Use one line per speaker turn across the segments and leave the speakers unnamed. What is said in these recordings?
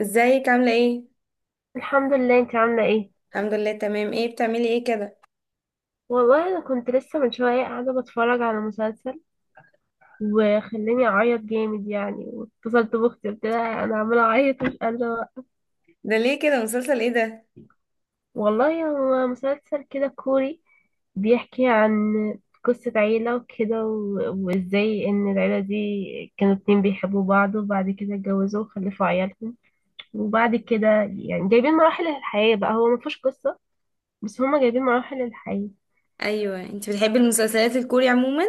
ازيك عاملة ايه؟
الحمد لله، انت عاملة ايه؟
الحمد لله تمام. ايه بتعملي ايه كده؟
والله انا كنت لسه من شوية قاعدة بتفرج على مسلسل وخلاني اعيط جامد يعني، واتصلت باختي قلت لها انا عمالة اعيط مش قادرة بقى.
ده ليه كده؟ مسلسل ايه ده؟
والله هو مسلسل كده كوري، بيحكي عن قصة عيلة وكده، و- وازاي ان العيلة دي كانوا اتنين بيحبوا بعض، وبعد كده اتجوزوا وخلفوا عيالهم، وبعد كده يعني جايبين مراحل الحياة بقى، هو مفيهوش قصة بس هما جايبين مراحل الحياة.
ايوه، انت بتحبي المسلسلات الكوري عموما؟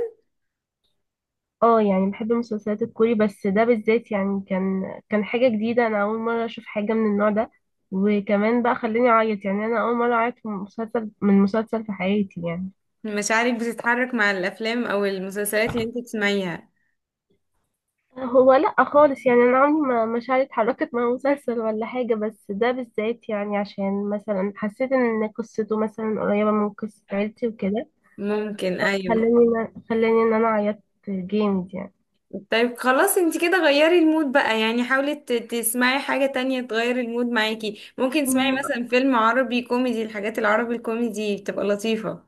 اه يعني بحب المسلسلات الكوري، بس ده بالذات يعني كان حاجة جديدة، أنا أول مرة أشوف حاجة من النوع ده، وكمان بقى خلاني أعيط، يعني أنا أول مرة أعيط في مسلسل من مسلسل في حياتي يعني.
مشاعرك بتتحرك مع الافلام او المسلسلات اللي انت بتسمعيها؟
هو لأ خالص، يعني أنا عمري ما شعرت حركة مع مسلسل ولا حاجة، بس ده بالذات يعني عشان مثلا حسيت إن قصته مثلا قريبة من قصة عيلتي وكده،
ممكن، ايوه.
فخلاني إن أنا عيطت جامد
طيب، خلاص، انت كده غيري المود بقى، يعني حاولي تسمعي حاجة تانية تغير المود معاكي. ممكن تسمعي
يعني.
مثلا فيلم عربي كوميدي، الحاجات العربي الكوميدي بتبقى لطيفة.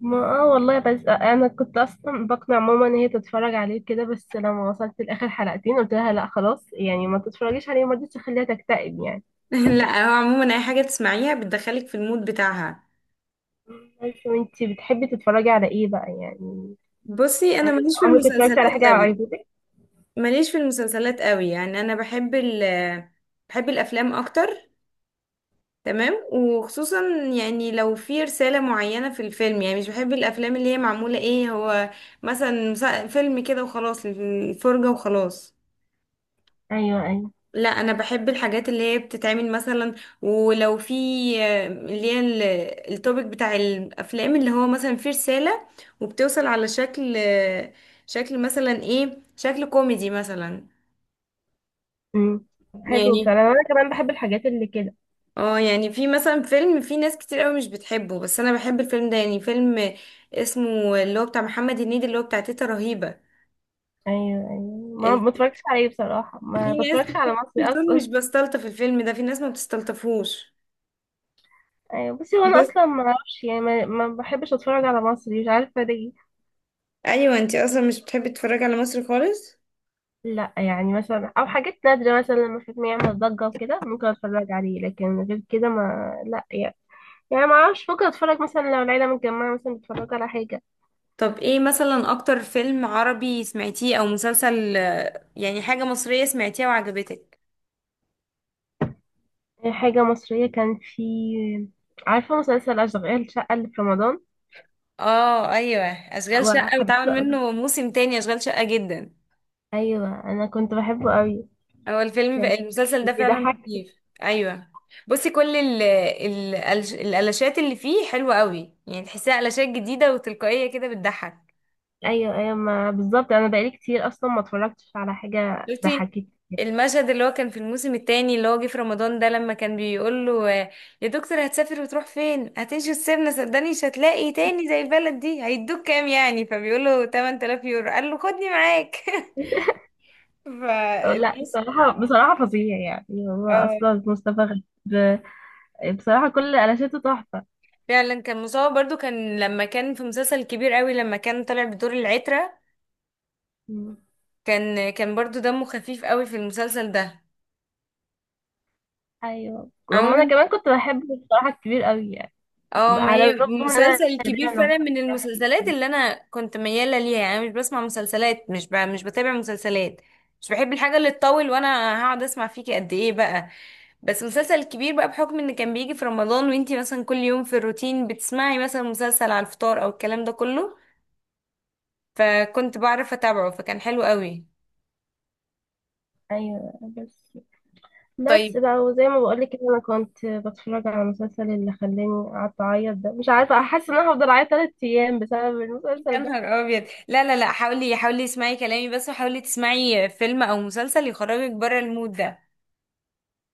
ما والله، بس انا كنت اصلا بقنع ماما ان هي تتفرج عليه كده، بس لما وصلت لاخر حلقتين قلت لها لا خلاص، يعني ما تتفرجيش عليه، ما رضيتش اخليها تكتئب يعني.
لا، هو عموما اي حاجة تسمعيها بتدخلك في المود بتاعها.
بس وانتي بتحبي تتفرجي على ايه بقى يعني؟
بصي، انا
هل
ماليش في
عمرك اتفرجتي على
المسلسلات
حاجه
قوي،
على ايفوتك؟
يعني انا بحب بحب الافلام اكتر. تمام، وخصوصا يعني لو في رسالة معينة في الفيلم. يعني مش بحب الافلام اللي هي معمولة ايه، هو مثلا فيلم كده وخلاص، الفرجة وخلاص.
ايوه، ايوه.
لا، انا بحب الحاجات اللي هي بتتعمل مثلا، ولو في اللي هي التوبيك بتاع الافلام، اللي هو مثلا في رسالة، وبتوصل على شكل شكل مثلا، ايه، شكل كوميدي مثلا.
امم حلو
يعني
فعلا، انا كمان بحب الحاجات اللي كده.
اه يعني في مثلا فيلم في ناس كتير قوي مش بتحبه، بس انا بحب الفيلم ده، يعني فيلم اسمه اللي هو بتاع محمد هنيدي، اللي هو بتاع تيتا رهيبة.
ايوه، ايوه، ما
ال-
بتفرجش عليه بصراحه،
في
ما
ناس
بتفرجش
كتير
على مصري
بتقول
اصلا.
مش بستلطف الفيلم ده، في ناس ما بتستلطفوش،
ايوه، بس هو انا
بس.
اصلا ما اعرفش يعني، ما بحبش اتفرج على مصري مش عارفه ليه.
ايوه، انتي اصلا مش بتحبي تتفرجي على مصر خالص.
لا يعني مثلا او حاجات نادرة، مثلا لما فيلم يعمل ضجة وكده ممكن اتفرج عليه، لكن غير كده ما لا يعني. يعني ما اعرفش، ممكن اتفرج مثلا لو العيلة متجمعة مثلا بتتفرج على حاجة.
طب ايه مثلا اكتر فيلم عربي سمعتيه او مسلسل، يعني حاجة مصرية سمعتيها وعجبتك؟
حاجة مصرية كان في، عارفة مسلسل أشغال شقة اللي في رمضان؟
اه، ايوه. اشغال شقة بيتعمل
وحبيته أوي،
منه موسم تاني، اشغال شقة جدا.
أيوة أنا كنت بحبه أوي.
هو الفيلم
كان
المسلسل ده فعلا
بيضحك.
لطيف. ايوه. بصي، كل الالاشات اللي فيه حلوه قوي، يعني تحسيها الاشات جديده وتلقائيه كده بتضحك.
أيوة، أيوة، ما بالظبط، أنا بقالي كتير أصلا ما اتفرجتش على حاجة
شفتي
ضحكتني.
المشهد اللي هو كان في الموسم التاني اللي هو جه في رمضان ده، لما كان بيقول له يا دكتور هتسافر وتروح فين، هتمشي وتسيبنا، صدقني مش هتلاقي تاني زي البلد دي، هيدوك كام يعني؟ فبيقول له 8000 يورو. قال له خدني معاك.
لا
فالموسم.
بصراحة، بصراحة فظيع، يعني هو أصلا مصطفى غريب بصراحة كل قلاشاته تحفة.
فعلا كان مصاب برضو، كان لما كان في مسلسل كبير قوي لما كان طالع بدور العترة،
مم.
كان برضو دمه خفيف قوي في المسلسل ده.
ايوه، واما انا
عموما،
كمان كنت بحب بصراحة الكبير قوي يعني،
اه، ما
على
هي
الرغم ان انا
مسلسل كبير
نادراً لما
فعلا
بشوف-
من المسلسلات اللي انا كنت ميالة ليها. يعني أنا مش بسمع مسلسلات، مش بتابع مسلسلات، مش بحب الحاجة اللي تطول، وانا هقعد اسمع فيكي قد ايه بقى. بس مسلسل كبير بقى بحكم ان كان بيجي في رمضان، وانتي مثلا كل يوم في الروتين بتسمعي مثلا مسلسل على الفطار او الكلام ده كله، فكنت بعرف اتابعه فكان حلو قوي.
ايوه، بس
طيب.
بقى، وزي ما بقول لك انا كنت بتفرج على المسلسل اللي خلاني قعدت اعيط ده، مش عارفة احس ان انا هفضل اعيط 3 ايام بسبب
يا
المسلسل ده.
نهار ابيض، لا لا لا، حاولي حاولي اسمعي كلامي بس، وحاولي تسمعي فيلم او مسلسل يخرجك بره المود ده.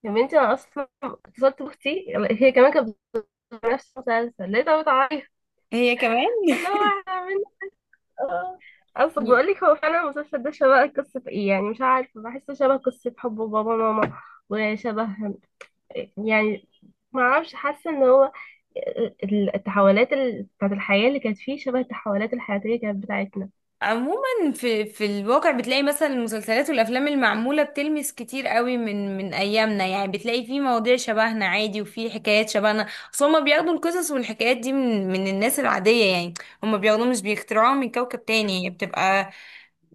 يا بنتي انا اصلا اتصلت باختي، هي كمان كانت بتتفرج على نفس المسلسل، لقيتها بتعيط.
هي كمان.
اللي هو اه اصل بقولك هو فعلا المسلسل ده شبه قصة ايه، يعني مش عارفة، بحسه شبه قصة حب بابا ماما، وشبه يعني، ما اعرفش، حاسة ان هو التحولات بتاعت الحياة اللي كانت فيه شبه التحولات الحياتية كانت بتاعتنا.
عموما في الواقع بتلاقي مثلا المسلسلات والافلام المعموله بتلمس كتير قوي من ايامنا، يعني بتلاقي في مواضيع شبهنا عادي وفي حكايات شبهنا. اصل هما بياخدوا القصص والحكايات دي من الناس العاديه، يعني هما بياخدوها، مش بيخترعوها من كوكب تاني، هي بتبقى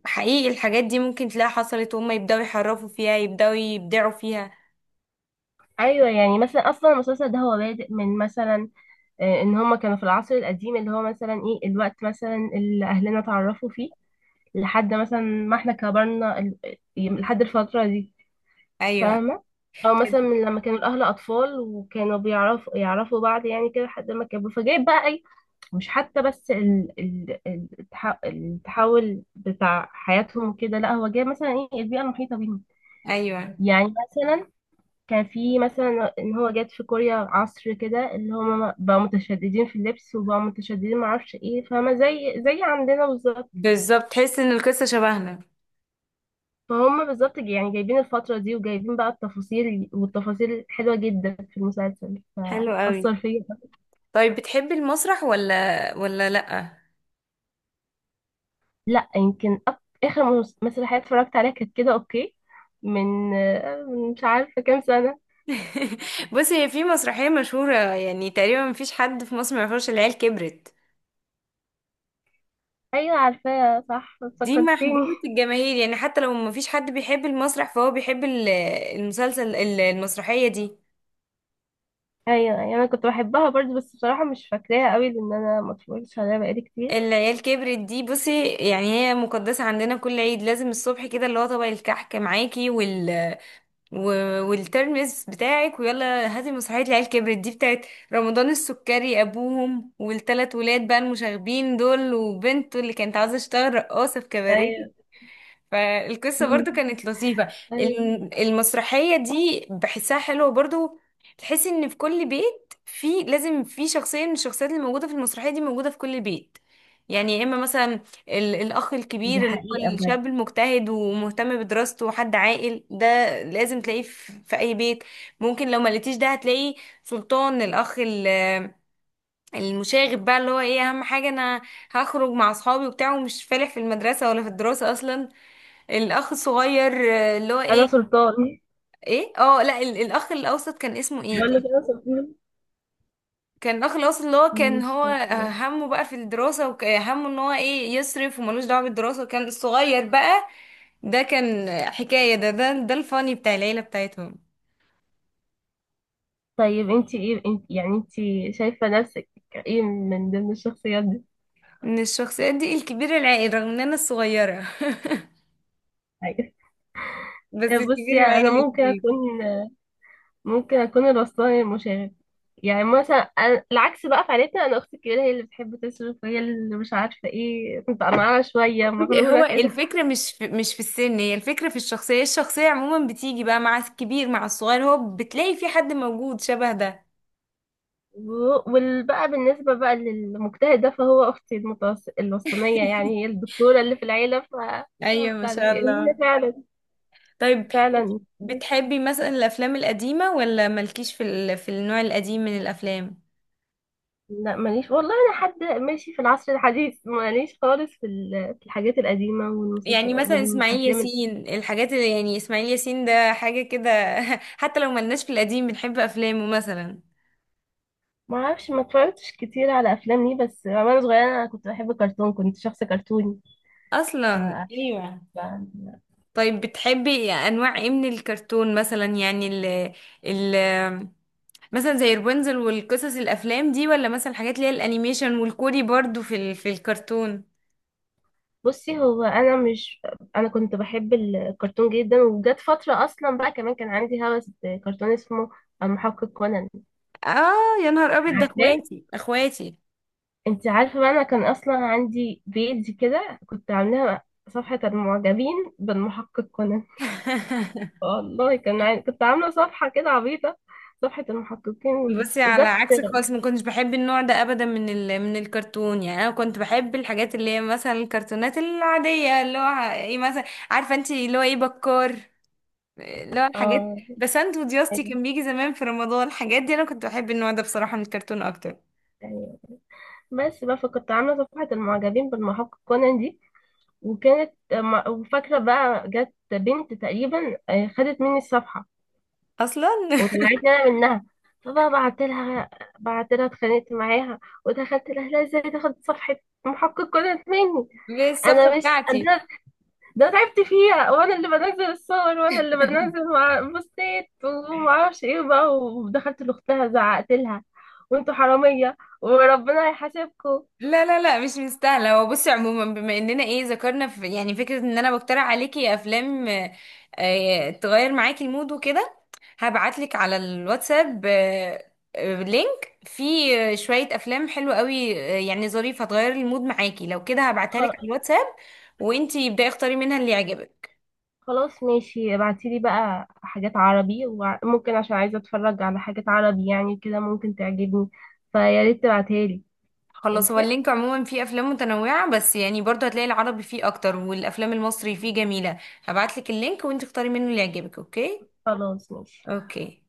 حقيقي. الحاجات دي ممكن تلاقي حصلت، وهم يبداوا يحرفوا فيها، يبداوا يبدعوا فيها.
ايوه يعني مثلا، اصلا المسلسل ده هو بادئ من مثلا ان هما كانوا في العصر القديم، اللي هو مثلا ايه الوقت مثلا اللي اهلنا اتعرفوا فيه، لحد مثلا ما احنا كبرنا لحد الفترة دي.
ايوه
فاهمة؟ أو مثلا من لما كانوا الأهل أطفال، وكانوا يعرفوا بعض يعني كده لحد ما كبروا، فجايب بقى أي، مش حتى بس التحول بتاع حياتهم كده، لا هو جايب مثلا إيه البيئة المحيطة بيهم.
ايوه،
يعني مثلا كان في مثلا إن هو جات في كوريا عصر كده اللي هم بقوا متشددين في اللبس، وبقوا متشددين معرفش إيه، فاهمة؟ زي عندنا بالظبط،
بالظبط، تحس ان القصه شبهنا.
ما هم بالظبط يعني جايبين الفترة دي وجايبين بقى التفاصيل، والتفاصيل حلوة جدا في المسلسل،
حلو قوي.
فأثر فيا.
طيب، بتحبي المسرح ولا لأ؟
لا يمكن آخر مسرحية اتفرجت عليها كانت كده أوكي، من مش عارفة كام سنة.
بصي، هي في مسرحية مشهورة يعني تقريبا مفيش حد في مصر ما يعرفش، العيال كبرت.
أيوة عارفاها، صح
دي
فكرتيني.
محبوبة الجماهير، يعني حتى لو مفيش حد بيحب المسرح فهو بيحب المسلسل المسرحية دي.
أيوة، أيوة أنا كنت بحبها برضه، بس بصراحة مش فاكراها قوي لأن أنا ما اتفرجتش عليها بقالي كتير.
العيال كبرت دي، بصي يعني هي مقدسة عندنا. كل عيد لازم الصبح كده اللي هو طبق الكحك معاكي والترمس بتاعك، ويلا هاتي مسرحية العيال كبرت دي، بتاعت رمضان السكري أبوهم والتلات ولاد بقى المشاغبين دول، وبنته اللي كانت عاوزة تشتغل رقاصة في
ايوه.
كباريه. فالقصة برضو كانت لطيفة.
أيوة.
المسرحية دي بحسها حلوة برضو. تحس ان في كل بيت في لازم في شخصية من الشخصيات اللي موجودة في المسرحية دي موجودة في كل بيت. يعني يا اما مثلا الاخ
دي
الكبير اللي
حقيقة
هو
بجد.
الشاب المجتهد ومهتم بدراسته وحد عاقل ده، لازم تلاقيه في اي بيت. ممكن لو ما لقيتيش ده هتلاقي سلطان، الاخ المشاغب بقى، اللي هو ايه اهم حاجة؟ انا هخرج مع اصحابي وبتاع، ومش فالح في المدرسة ولا في الدراسة اصلا. الاخ الصغير اللي هو
أنا
ايه،
سلطان،
ايه، لا، الاخ الاوسط كان اسمه ايه؟
بقول
كان
لك أنا سلطان.
كان الاخ الاوسط اللي هو كان
مش
هو
فاكرة.
همه بقى في الدراسة، وهمه ان هو ايه يصرف، وملوش دعوة بالدراسة. وكان الصغير بقى ده كان حكاية. ده الفاني بتاع العيلة بتاعتهم.
طيب انت ايه، انت شايفة نفسك ايه من ضمن الشخصيات دي؟
من الشخصيات دي، الكبير العائل، رغم ان انا الصغيرة.
أيوة.
بس
بصي
الكبير
انا
العائل اللي
ممكن
فيه.
اكون ممكن اكون الوسطاني المشاغب. يعني مثلا العكس بقى في عيلتنا، انا اختي الكبيرة هي اللي بتحب تصرف، وهي اللي مش عارفة ايه، كنت معاها شوية
بصي،
مغرورة
هو
كده.
الفكرة مش في السن، هي الفكرة في الشخصية عموما بتيجي بقى مع الكبير مع الصغير، هو بتلاقي في حد موجود شبه ده.
وبقى بالنسبة بقى للمجتهد ده، فهو اختي الوسطانية، يعني هي الدكتورة اللي في العيلة ف،
ايوه، ما
فبتاع ده.
شاء
يعني هي
الله.
فعلا،
طيب انت
فعلا.
بتحبي مثلا الافلام القديمه ولا مالكيش في في النوع القديم من الافلام؟
لا ماليش والله، انا حد ماشي في العصر الحديث، ماليش خالص في في الحاجات القديمه، والمسلسل
يعني مثلا اسماعيل
والافلام ال-.
ياسين، الحاجات اللي يعني اسماعيل ياسين ده حاجه كده، حتى لو ملناش في القديم بنحب افلامه مثلا.
ما اعرفش، ما اتفرجتش كتير على افلام ليه، بس وانا صغيره انا كنت بحب الكرتون، كنت شخص كرتوني. ف...
اصلا، ايوه.
ف...
طيب بتحبي انواع ايه من الكرتون مثلا؟ يعني ال... مثلا زي رابنزل والقصص الافلام دي، ولا مثلا حاجات اللي هي الانيميشن والكوري برضو في في الكرتون؟
بصي هو انا مش انا كنت بحب الكرتون جدا، وجت فتره اصلا بقى، كمان كان عندي هوس بكرتون اسمه المحقق كونان،
اه. يا نهار ابيض، ده
عارفاه؟
اخواتي اخواتي.
انت عارفه بقى انا كان اصلا عندي بيج كده كنت عاملاها، صفحه المعجبين بالمحقق كونان. والله كنت عاملة صفحة كده عبيطة، صفحة المحققين،
بصي، على
وجت
عكسك خالص ما كنتش بحب النوع ده ابدا، من من الكرتون. يعني انا كنت بحب الحاجات اللي هي مثلا الكرتونات العاديه، اللي هو ايه مثلا، عارفه انت اللي هو ايه، بكار، اللي هو الحاجات
اه.
بسنت ودياستي
أيوة،
كان بيجي زمان في رمضان. الحاجات دي انا كنت بحب النوع ده بصراحه من الكرتون اكتر.
أيوة. بس بقى فكنت عاملة صفحة المعجبين بالمحقق كونان دي، وفاكرة بقى جت بنت تقريبا خدت مني الصفحة
اصلا.
وطلعتني أنا منها، فبقى بعت لها، بعت لها اتخانقت معاها ودخلت لها، لا ازاي تاخد صفحة محقق كونان مني؟
بالصفحه
انا مش
بتاعتي.
انا ده تعبت فيها، وانا اللي بنزل الصور، وانا اللي بنزل مع بوستات وما اعرفش ايه بقى، ودخلت لاختها زعقت لها، وانتوا حراميه وربنا هيحاسبكم.
لا لا لا، مش مستاهلة. هو بصي عموما، بما اننا ايه ذكرنا في يعني فكرة ان انا بقترح عليكي افلام تغير معاكي المود وكده، هبعتلك على الواتساب لينك فيه شوية افلام حلوة قوي يعني ظريفة هتغير المود معاكي لو كده. هبعتها لك
خ-
على الواتساب وانتي ابدأي اختاري منها اللي يعجبك.
خلاص ماشي، ابعتي لي بقى حاجات عربي، وممكن عشان عايزه اتفرج على حاجات عربي يعني كده ممكن تعجبني، فيا ريت تبعتها لي.
خلاص. هو
ماشي،
اللينك عموما فيه افلام متنوعة، بس يعني برضه هتلاقي العربي فيه اكتر، والافلام المصري فيه جميلة. هبعتلك اللينك وانتي اختاري منه اللي يعجبك. اوكي.
خلاص ماشي.
اوكي.